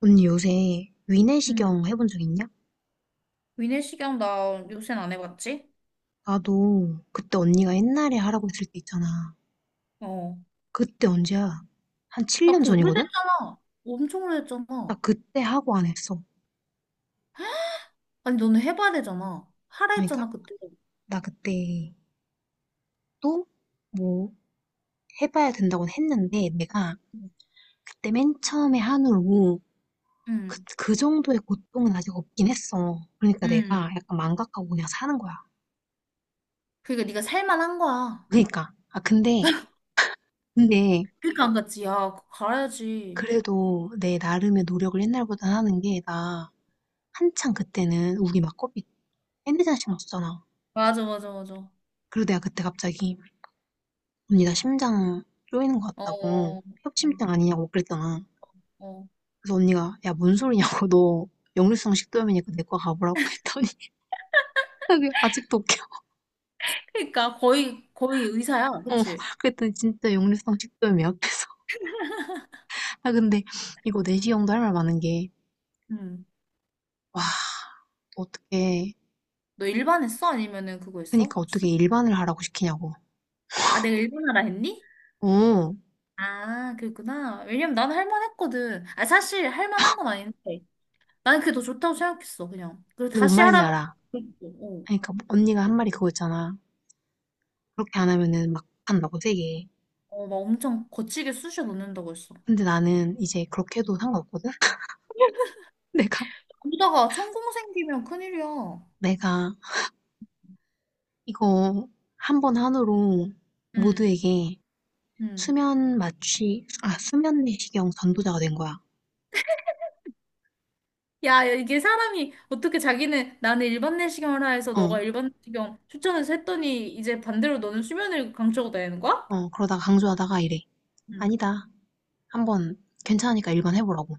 언니 요새 응. 위내시경 해본 적 있냐? 위내시경 나 요새는 안 해봤지? 나도 그때 언니가 옛날에 하라고 했을 때 있잖아. 어. 그때 언제야? 한 아, 7년 그거 전이거든? 오래됐잖아. 엄청 나 오래됐잖아. 그때 하고 안 했어. 아니, 너는 해봐야 되잖아. 하라 그러니까 했잖아, 그때. 나 그때 또 뭐 해봐야 된다고 했는데 내가 그때 맨 처음에 한후로 그, 응. 그 정도의 고통은 아직 없긴 했어. 그러니까 응. 내가 약간 망각하고 그냥 사는 거야. 그러니까 네가 살만한 거야. 그러니까 근데 그러니까 안 갔지. 야, 그거 가야지. 그래도 내 나름의 노력을 옛날보다 하는 게나 한창 그때는 우리 막 코피 밴드장 신경 었잖아. 맞아, 맞아, 맞아. 그리고 내가 그때 갑자기 언니 나 심장 쪼이는 것 같다고 어, 어. 협심증 아니냐고 그랬잖아. 어. 그래서 언니가 야 뭔 소리냐고 너 역류성 식도염이니까 내과 가보라고 했더니 그게 아직도 웃겨. 그러니까 거의, 거의 의사야. 어, 그치? 그랬더니 진짜 역류성 식도염이야. 그래서 근데 이거 내시 형도 할 말 많은 게 응. 와 어떻게. 너 일반 했어? 아니면은 그거 그러니까 했어? 어떻게 일반을 하라고 시키냐고. 아, 내가 일반하라 했니? 어, 아, 그랬구나. 왜냐면 나는 할만했거든. 아, 사실 할만한 건 아닌데. 나는 그게 더 좋다고 생각했어, 그냥. 그리고 근데 뭔 다시 말인지 하라면, 알아. 그랬고, 그러니까 언니가 한 말이 그거 있잖아. 그렇게 안 하면은 막 한다고 세게. 어, 어, 막 엄청 거치게 쑤셔 넣는다고 했어. 근데 나는 이제 그렇게 해도 상관없거든? 내가, 그러다가 천공 생기면 큰일이야. 내가 이거 한 번 한으로 응, 모두에게 응. 수면 내시경 전도자가 된 거야. 야, 야, 이게 사람이 어떻게 자기는 나는 일반 내시경을 하라 해서 어, 너가 일반 내시경 추천해서 했더니 이제 반대로 너는 수면을 강추하고 다니는 거야? 그러다가 강조하다가 이래. 응. 아니다. 한 번 괜찮으니까 일반 해보라고.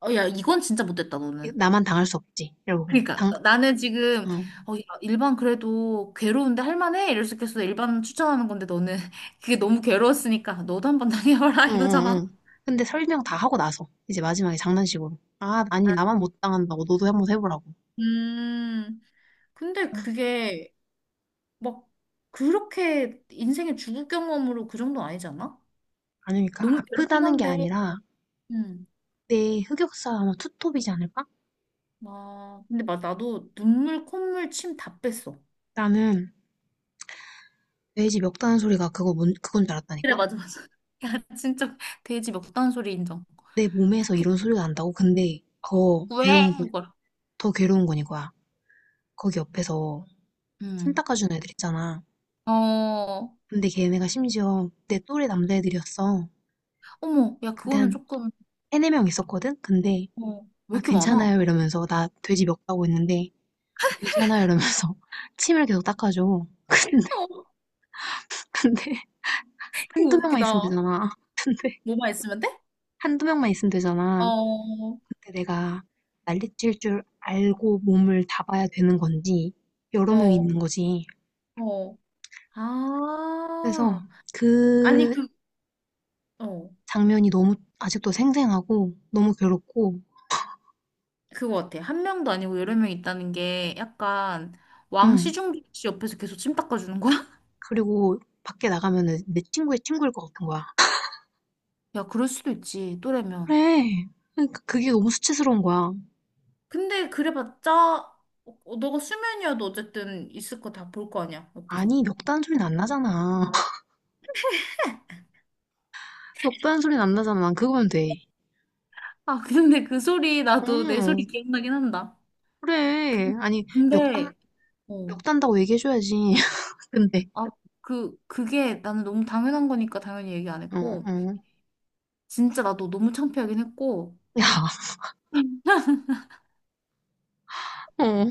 어, 야, 이건 진짜 못됐다, 너는. 나만 당할 수 없지. 이러고. 그러니까 어, 나는 지금 응, 어, 야, 일반 그래도 괴로운데 할만해 이럴 수 있겠어 일반 추천하는 건데 너는 그게 너무 괴로웠으니까 너도 한번 당해봐라 응, 이거잖아. 응. 근데 설명 다 하고 나서 이제 마지막에 장난식으로. 아, 나만 못 당한다고. 너도 한번 해보라고. 음 근데 그게 막 그렇게 인생의 죽을 경험으로 그 정도 아니잖아? 아니, 니까 너무 괴롭긴 아프다는 게 한데 아니라 음아 내 흑역사 아마 투톱이지 않을까? 근데 막 나도 눈물 콧물 침 다 뺐어. 나는 돼지 멱다는 소리가 그거 그건 줄 그래, 알았다니까? 맞아, 맞아. 야, 진짜 돼지 먹던 소리 인정. 내 몸에서 막 이런 소리가 난다고? 근데 더 왜? 괴로운 건, 이걸. 더 괴로운 건 이거야. 거기 옆에서 침 음. 닦아주는 애들 있잖아. 어. 근데 걔네가 심지어 내 또래 남자애들이었어. 어머, 야, 근데 그거는 한 조금, 세네 명 있었거든? 근데, 어, 왜 아, 이렇게 많아? 괜찮아요. 이러면서 나 돼지 멱다고 했는데, 아, 괜찮아요. 이러면서 침을 계속 닦아줘. 근데, 어, 근데 이거 한두 명만 있으면 웃기다. 되잖아. 근데, 뭐만 있으면 돼? 한두 명만 있으면 되잖아. 어, 그때 내가 난리칠 줄 알고 몸을 잡아야 되는 건지 여러 명이 어, 있는 거지. 어. 그래서 아, 아니, 그 그, 어, 장면이 너무 아직도 생생하고 너무 괴롭고, 그거 같아. 한 명도 아니고 여러 명 있다는 게 약간 왕 응. 시중기 씨 옆에서 계속 침 닦아주는 거야? 그리고 밖에 나가면 내 친구의 친구일 것 같은 거야. 야, 그럴 수도 있지, 또래면. 그래. 그러니까 그게 너무 수치스러운 거야. 근데 그래봤자, 어, 어, 너가 수면이어도 어쨌든 있을 거 다 볼 거 아니야, 옆에서. 아니, 멱단 소리는 안 나잖아. 멱단 소리는 안 나잖아. 난 그거면 돼. 아, 근데 그 소리, 나도 내 어, 소리 기억나긴 한다. 그래. 근- 아니, 멱단, 근데, 어, 멱단다고 얘기해줘야지. 근데, 아, 그, 그게 나는 너무 당연한 거니까 당연히 얘기 안 어, 했고, 어. 진짜 나도 너무 창피하긴 했고, 야, 어.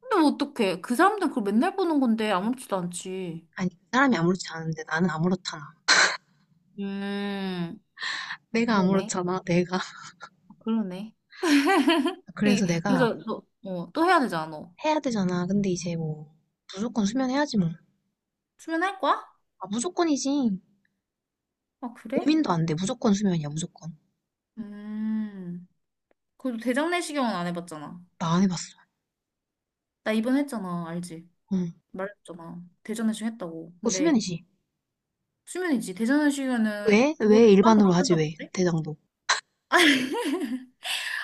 근데 뭐 어떡해. 그 사람들 그걸 맨날 보는 건데 아무렇지도 않지. 아니, 그 사람이 아무렇지 않은데 나는 아무렇잖아. 음, 내가 그러네. 아무렇잖아, 내가. 아, 그러네. 그- 그래서 내가 그래서 너, 어, 또 해야 되잖아, 너. 해야 되잖아. 근데 이제 뭐, 무조건 수면해야지 뭐. 수면할 거야? 아, 무조건이지. 아, 그래? 고민도 안 돼. 무조건 수면이야, 무조건. 음. 그래도 대장 내시경은 안 해봤잖아. 나 안 해봤어. 나 이번 했잖아, 알지? 응. 말했잖아. 대장 내시경 했다고. 그거 근데 수면이지. 수면이지. 대장 내시경은 왜? 그걸 왜 안 받는 일반으로 못 하지, 왜? 한다던데? 대장도.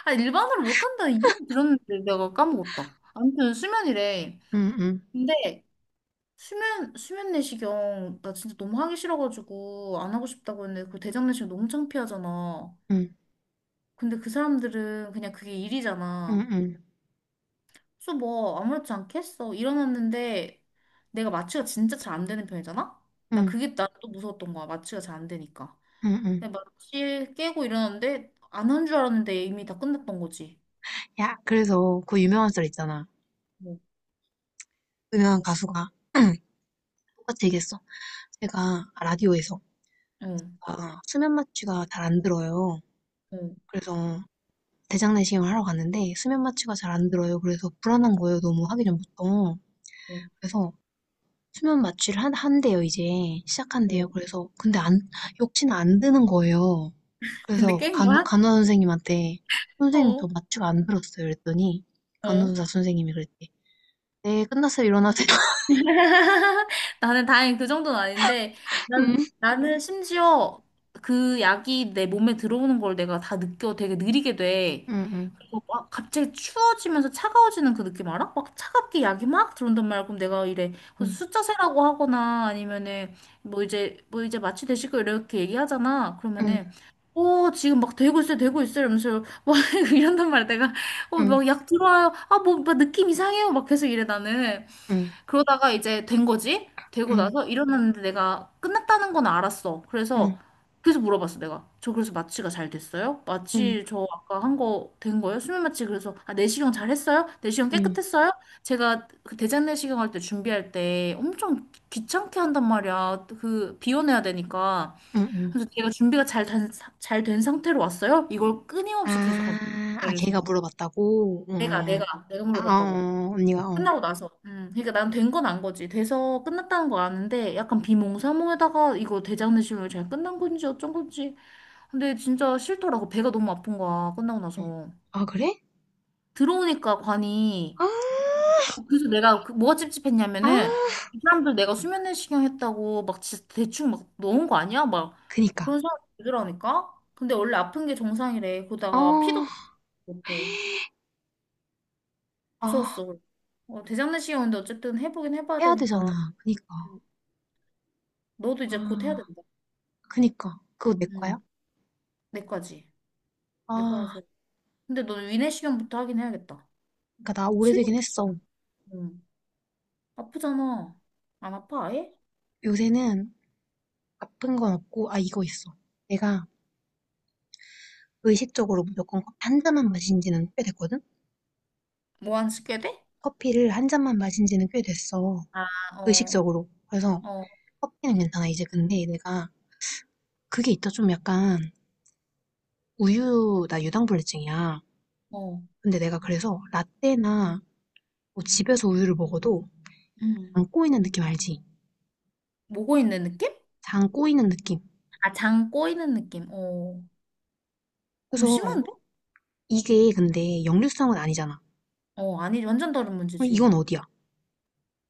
아, 일반으로 못한다 이름 들었는데 내가 까먹었다. 아무튼 수면이래. 응, 응, 근데 수면 내시경 나 진짜 너무 하기 싫어가지고 안 하고 싶다고 했는데 그 대장 내시경 너무 창피하잖아. 응, 근데 그 사람들은 그냥 그게 응, 일이잖아. 응, 응, 그래서 뭐 아무렇지 않게 했어. 일어났는데 내가 마취가 진짜 잘 안 되는 편이잖아. 나 응, 그게 나 또 무서웠던 거야. 마취가 잘 안 되니까. 응. 응. 근데 마취 깨고 일어났는데 안 한 줄 알았는데 이미 다 끝났던 거지. 야, 그래서 그 유명한 썰 있잖아. 뭐, 유명한 가수가 똑같이 얘기했어. 제가 라디오에서 응, 아, 수면 마취가 잘 안 들어요. 응, 그래서 대장내시경을 하러 갔는데 수면 마취가 잘 안 들어요. 그래서 불안한 거예요. 너무 하기 전부터. 응. 그래서 수면 마취를 한대요, 이제. 시작한대요. 응. 그래서 근데 안, 역시나 안 드는 거예요. 근데 그래서 깬 거야? 간호 선생님한테 선생님 저 어. 마취가 안 들었어요. 그랬더니 어. 간호사 선생님이 그랬대. 네, 끝났어요. 일어나세요. 나는 다행히 그 정도는 아닌데, 응, 나는 심지어 그 약이 내 몸에 들어오는 걸 내가 다 느껴 되게 느리게 돼. 응, 응, 그거 막 갑자기 추워지면서 차가워지는 그 느낌 알아? 막 차갑게 약이 막 들어온단 말이야. 그럼 내가 이래 그래서 숫자 세라고 하거나 아니면은 뭐 이제 마취 되시고 이렇게 얘기하잖아. 응, 그러면은 오 지금 막 되고 있어요, 되고 있어요, 이러면서 막 이런단 말이야. 내가 어 응, 막 약 들어와요. 아 뭐 막 느낌 이상해요. 막 계속 이래 나는. 응, 그러다가 이제 된 거지? 되고 응, 나서 응, 일어났는데 내가 끝났다는 건 알았어. 그래서 응, 그래서 물어봤어 내가. 저 그래서 마취가 잘 됐어요? 응, 응, 마취 저 아까 한 거 된 거예요? 수면 마취. 그래서 아 내시경 잘 했어요? 내시경 응, 깨끗했어요? 제가 그 대장 내시경 할 때 준비할 때 엄청 귀찮게 한단 말이야. 그 비워내야 되니까. 응, 응. 그래서 제가 준비가 잘된잘된 상태로 왔어요? 이걸 끊임없이 계속 하고 아, 아 그래서 걔가 물어봤다고? 응. 내가 응. 내가 내가 물어봤다고. 언니가, 어. 끝나고 나서. 그러니까 난 된 건 안 거지. 돼서 끝났다는 거 아는데 약간 비몽사몽에다가 이거 대장내시경이 잘 끝난 건지 어쩐 건지. 근데 진짜 싫더라고. 배가 너무 아픈 거야. 끝나고 응. 나서. 아, 그래? 들어오니까 관이 아, 어, 그래서 내가 그 뭐가 아, 찝찝했냐면은 이 사람들 내가 수면내시경 했다고 막 진짜 대충 막 넣은 거 아니야? 막 그니까. 그런 사람 들으라니까. 근데 원래 아픈 게 정상이래. 그러다가 피도 어, 못해. 아, 무서웠어. 어, 대장내시경인데 어쨌든 해보긴 해봐야 해야 되니까. 되잖아. 그니까. 음, 너도 이제 곧 해야 아, 된다. 그니까. 그거 내 응, 거야? 내 거지. 내 거가 아, 제일. 근데 너는 위내 시경부터 하긴 해야겠다. 그니까 나 오래되긴 실력이지. 했어. 응. 아프잖아. 안 아파, 아예? 요새는 아픈 건 없고, 아, 이거 있어. 내가 의식적으로 무조건 커피 한 잔만 마신 지는 꽤 됐거든? 뭐안 쓰게 돼? 커피를 한 잔만 마신 지는 꽤 됐어. 아, 어, 의식적으로. 그래서 어, 커피는 괜찮아, 이제. 근데 내가 그게 있다 좀 약간 우유, 나 유당불내증이야. 어. 근데 내가 그래서 라떼나 뭐 집에서 우유를 먹어도 응. 장 꼬이는 느낌 알지? 모고 있는 느낌? 장 꼬이는 느낌. 아, 장 꼬이는 느낌. 어. 그럼 그래서 심한데? 이게 근데 역류성은 아니잖아. 어, 아니, 완전 다른 그럼 문제지. 이건 어디야?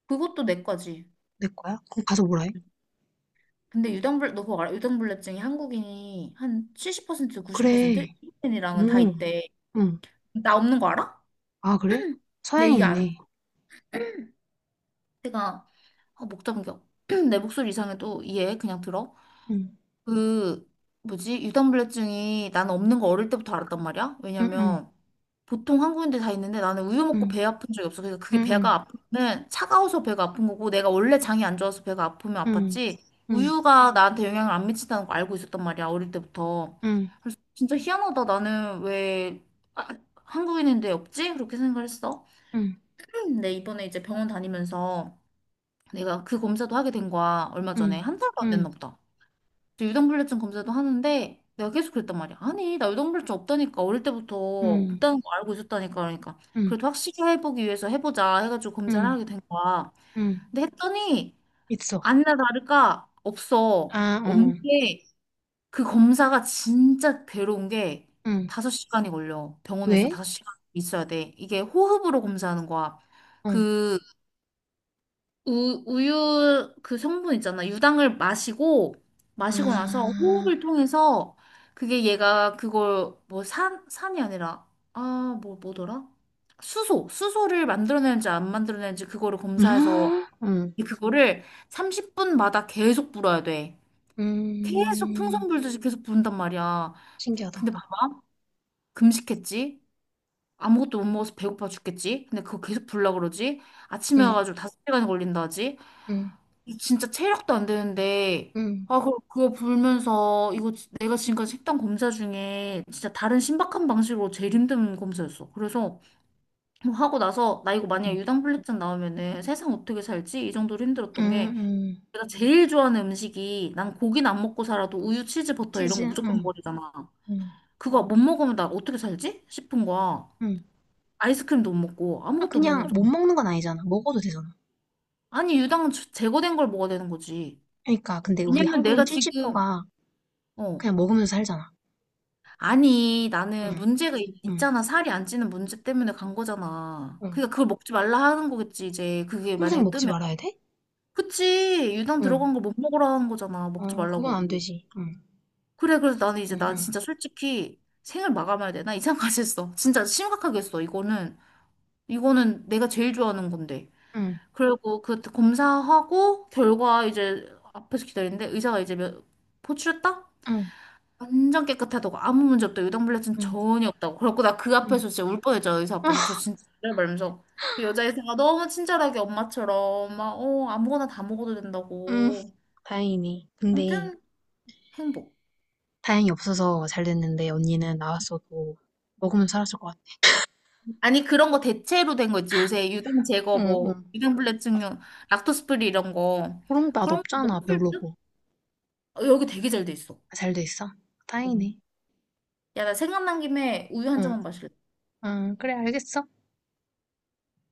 그것도 내과지. 내 거야? 그럼 가서 뭐라 해? 근데 너 그거 알아? 유당불내증이 한국인이 한 70%, 90%? 그래. 이인이랑은 다 응, 있대. 응. 나 없는 거 알아? 아, 그래? 근데 이게 안, 서양인이네. 내가 아, 목 잠겨. 내 목소리 이상해도 이해해. 그냥 들어. 응, 그, 뭐지? 유당불내증이 나는 없는 거 어릴 때부터 알았단 말이야. 응, 응, 왜냐면 보통 한국인들 다 있는데 나는 우유 먹고 응, 배 아픈 적이 없어. 그러니까 그게 배가 응, 아프면 차가워서 배가 아픈 거고 내가 원래 장이 안 좋아서 배가 아프면 응, 아팠지. 응, 우유가 나한테 영향을 안 미친다는 거 알고 있었단 말이야. 어릴 때부터. 응, 그래서 진짜 희한하다. 나는 왜 아, 한국인인데 없지? 그렇게 생각을 했어. 응, 근데 이번에 이제 병원 다니면서 내가 그 검사도 하게 된 거야. 얼마 응, 전에 응, 한 달도 안 응, 됐나 보다. 그래서 유당불내증 검사도 하는데 내가 계속 그랬단 말이야. 아니, 나 유당불내증 없다니까. 어릴 때부터 응, 없다는 거 알고 있었다니까. 그러니까 응, 응, 그래도 확실히 해보기 위해서 해보자 해가지고 검사를 응. 하게 된 거야. 응. 근데 했더니 있어. 아니나 다를까 없어. 아, 응 없는 어. 게 그 검사가 진짜 괴로운 게 응. 5시간이 걸려. 병원에서 왜? 5시간 있어야 돼. 이게 호흡으로 검사하는 거야. 어. 그 우유 그 성분 있잖아. 유당을 마시고 나서 아. 호흡을 통해서 그게 얘가 그걸 뭐 산이 아니라, 아, 뭐더라? 수소를 만들어내는지 안 만들어내는지 그거를 검사해서 아, 응. 그거를 30분마다 계속 불어야 돼. 계속 음. 풍선 불듯이 계속 부른단 말이야. 신기하다. 근데 막 금식했지? 아무것도 못 먹어서 배고파 죽겠지? 근데 그거 계속 불라 그러지? 아침에 응. 와가지고 5시간이 걸린다 하지? 응. 이 진짜 체력도 안 되는데 응. 아 그거 불면서 이거 지- 내가 지금까지 했던 검사 중에 진짜 다른 신박한 방식으로 제일 힘든 검사였어. 그래서 뭐 하고 나서 나 이거 만약에 응. 유당불내증 나오면은 세상 어떻게 살지? 이 정도로 응. 힘들었던 게 응. 내가 제일 좋아하는 음식이 난 고기는 안 먹고 살아도 우유, 치즈, 버터 이런 치즈. 거 무조건 응. 먹으잖아. 응. 그거 못 먹으면 나 어떻게 살지? 싶은 거야. 응. 아이스크림도 못 먹고 아 아무것도 못 그냥 못 먹잖아. 먹는 건 아니잖아. 먹어도 되잖아. 아니 유당은 제거된 걸 먹어야 되는 거지. 그러니까 근데 우리 왜냐면 한국인 내가 지금 찔찌퍼가 어. 그냥 먹으면서 살잖아. 아니, 나는 응. 문제가 있- 응. 있잖아. 살이 안 찌는 문제 때문에 간 거잖아. 응. 그러니까 그걸 먹지 말라 하는 거겠지, 이제. 그게 평생 만약에 먹지 뜨면. 말아야 돼? 그치. 유당 응. 들어간 걸 못 먹으라 하는 거잖아. 먹지 어, 그건 말라고. 안 되지. 응. 그래, 그래서 나는 이제 응. 난 응. 진짜 솔직히 생을 마감해야 돼. 나 이상까지 했어. 진짜 심각하게 했어. 이거는, 이거는 내가 제일 좋아하는 건데. 응. 그리고 그 검사하고 결과 이제 앞에서 기다리는데 의사가 이제 몇, 포출했다? 응. 완전 깨끗하다고 아무 문제 없다고 유당불내증 전혀 없다고 그래갖고 나 그 응. 응. 앞에서 진짜 울 뻔했죠. 의사 앞에서 저 진짜 말면서 그 여자 의사가 너무 친절하게 엄마처럼 막 어 아무거나 다 먹어도 응. 된다고. 다행이네. 근데 아무튼 행복. 다행히 없어서 잘 됐는데 언니는 나왔어도 먹으면 살았을 것 같아. 아니 그런 거 대체로 된 거 있지 요새 유당 제거 어, 뭐 어. 유당불내증용 락토스 프리 이런 거 그런 맛 그런 거 없잖아, 먹을 듯? 별로고. 어, 여기 되게 잘 돼 있어. 아, 잘 돼 있어? 다행이네. 야 나 생각난 김에 우유 한 응 잔만 마실래? 아, 그래, 알겠어.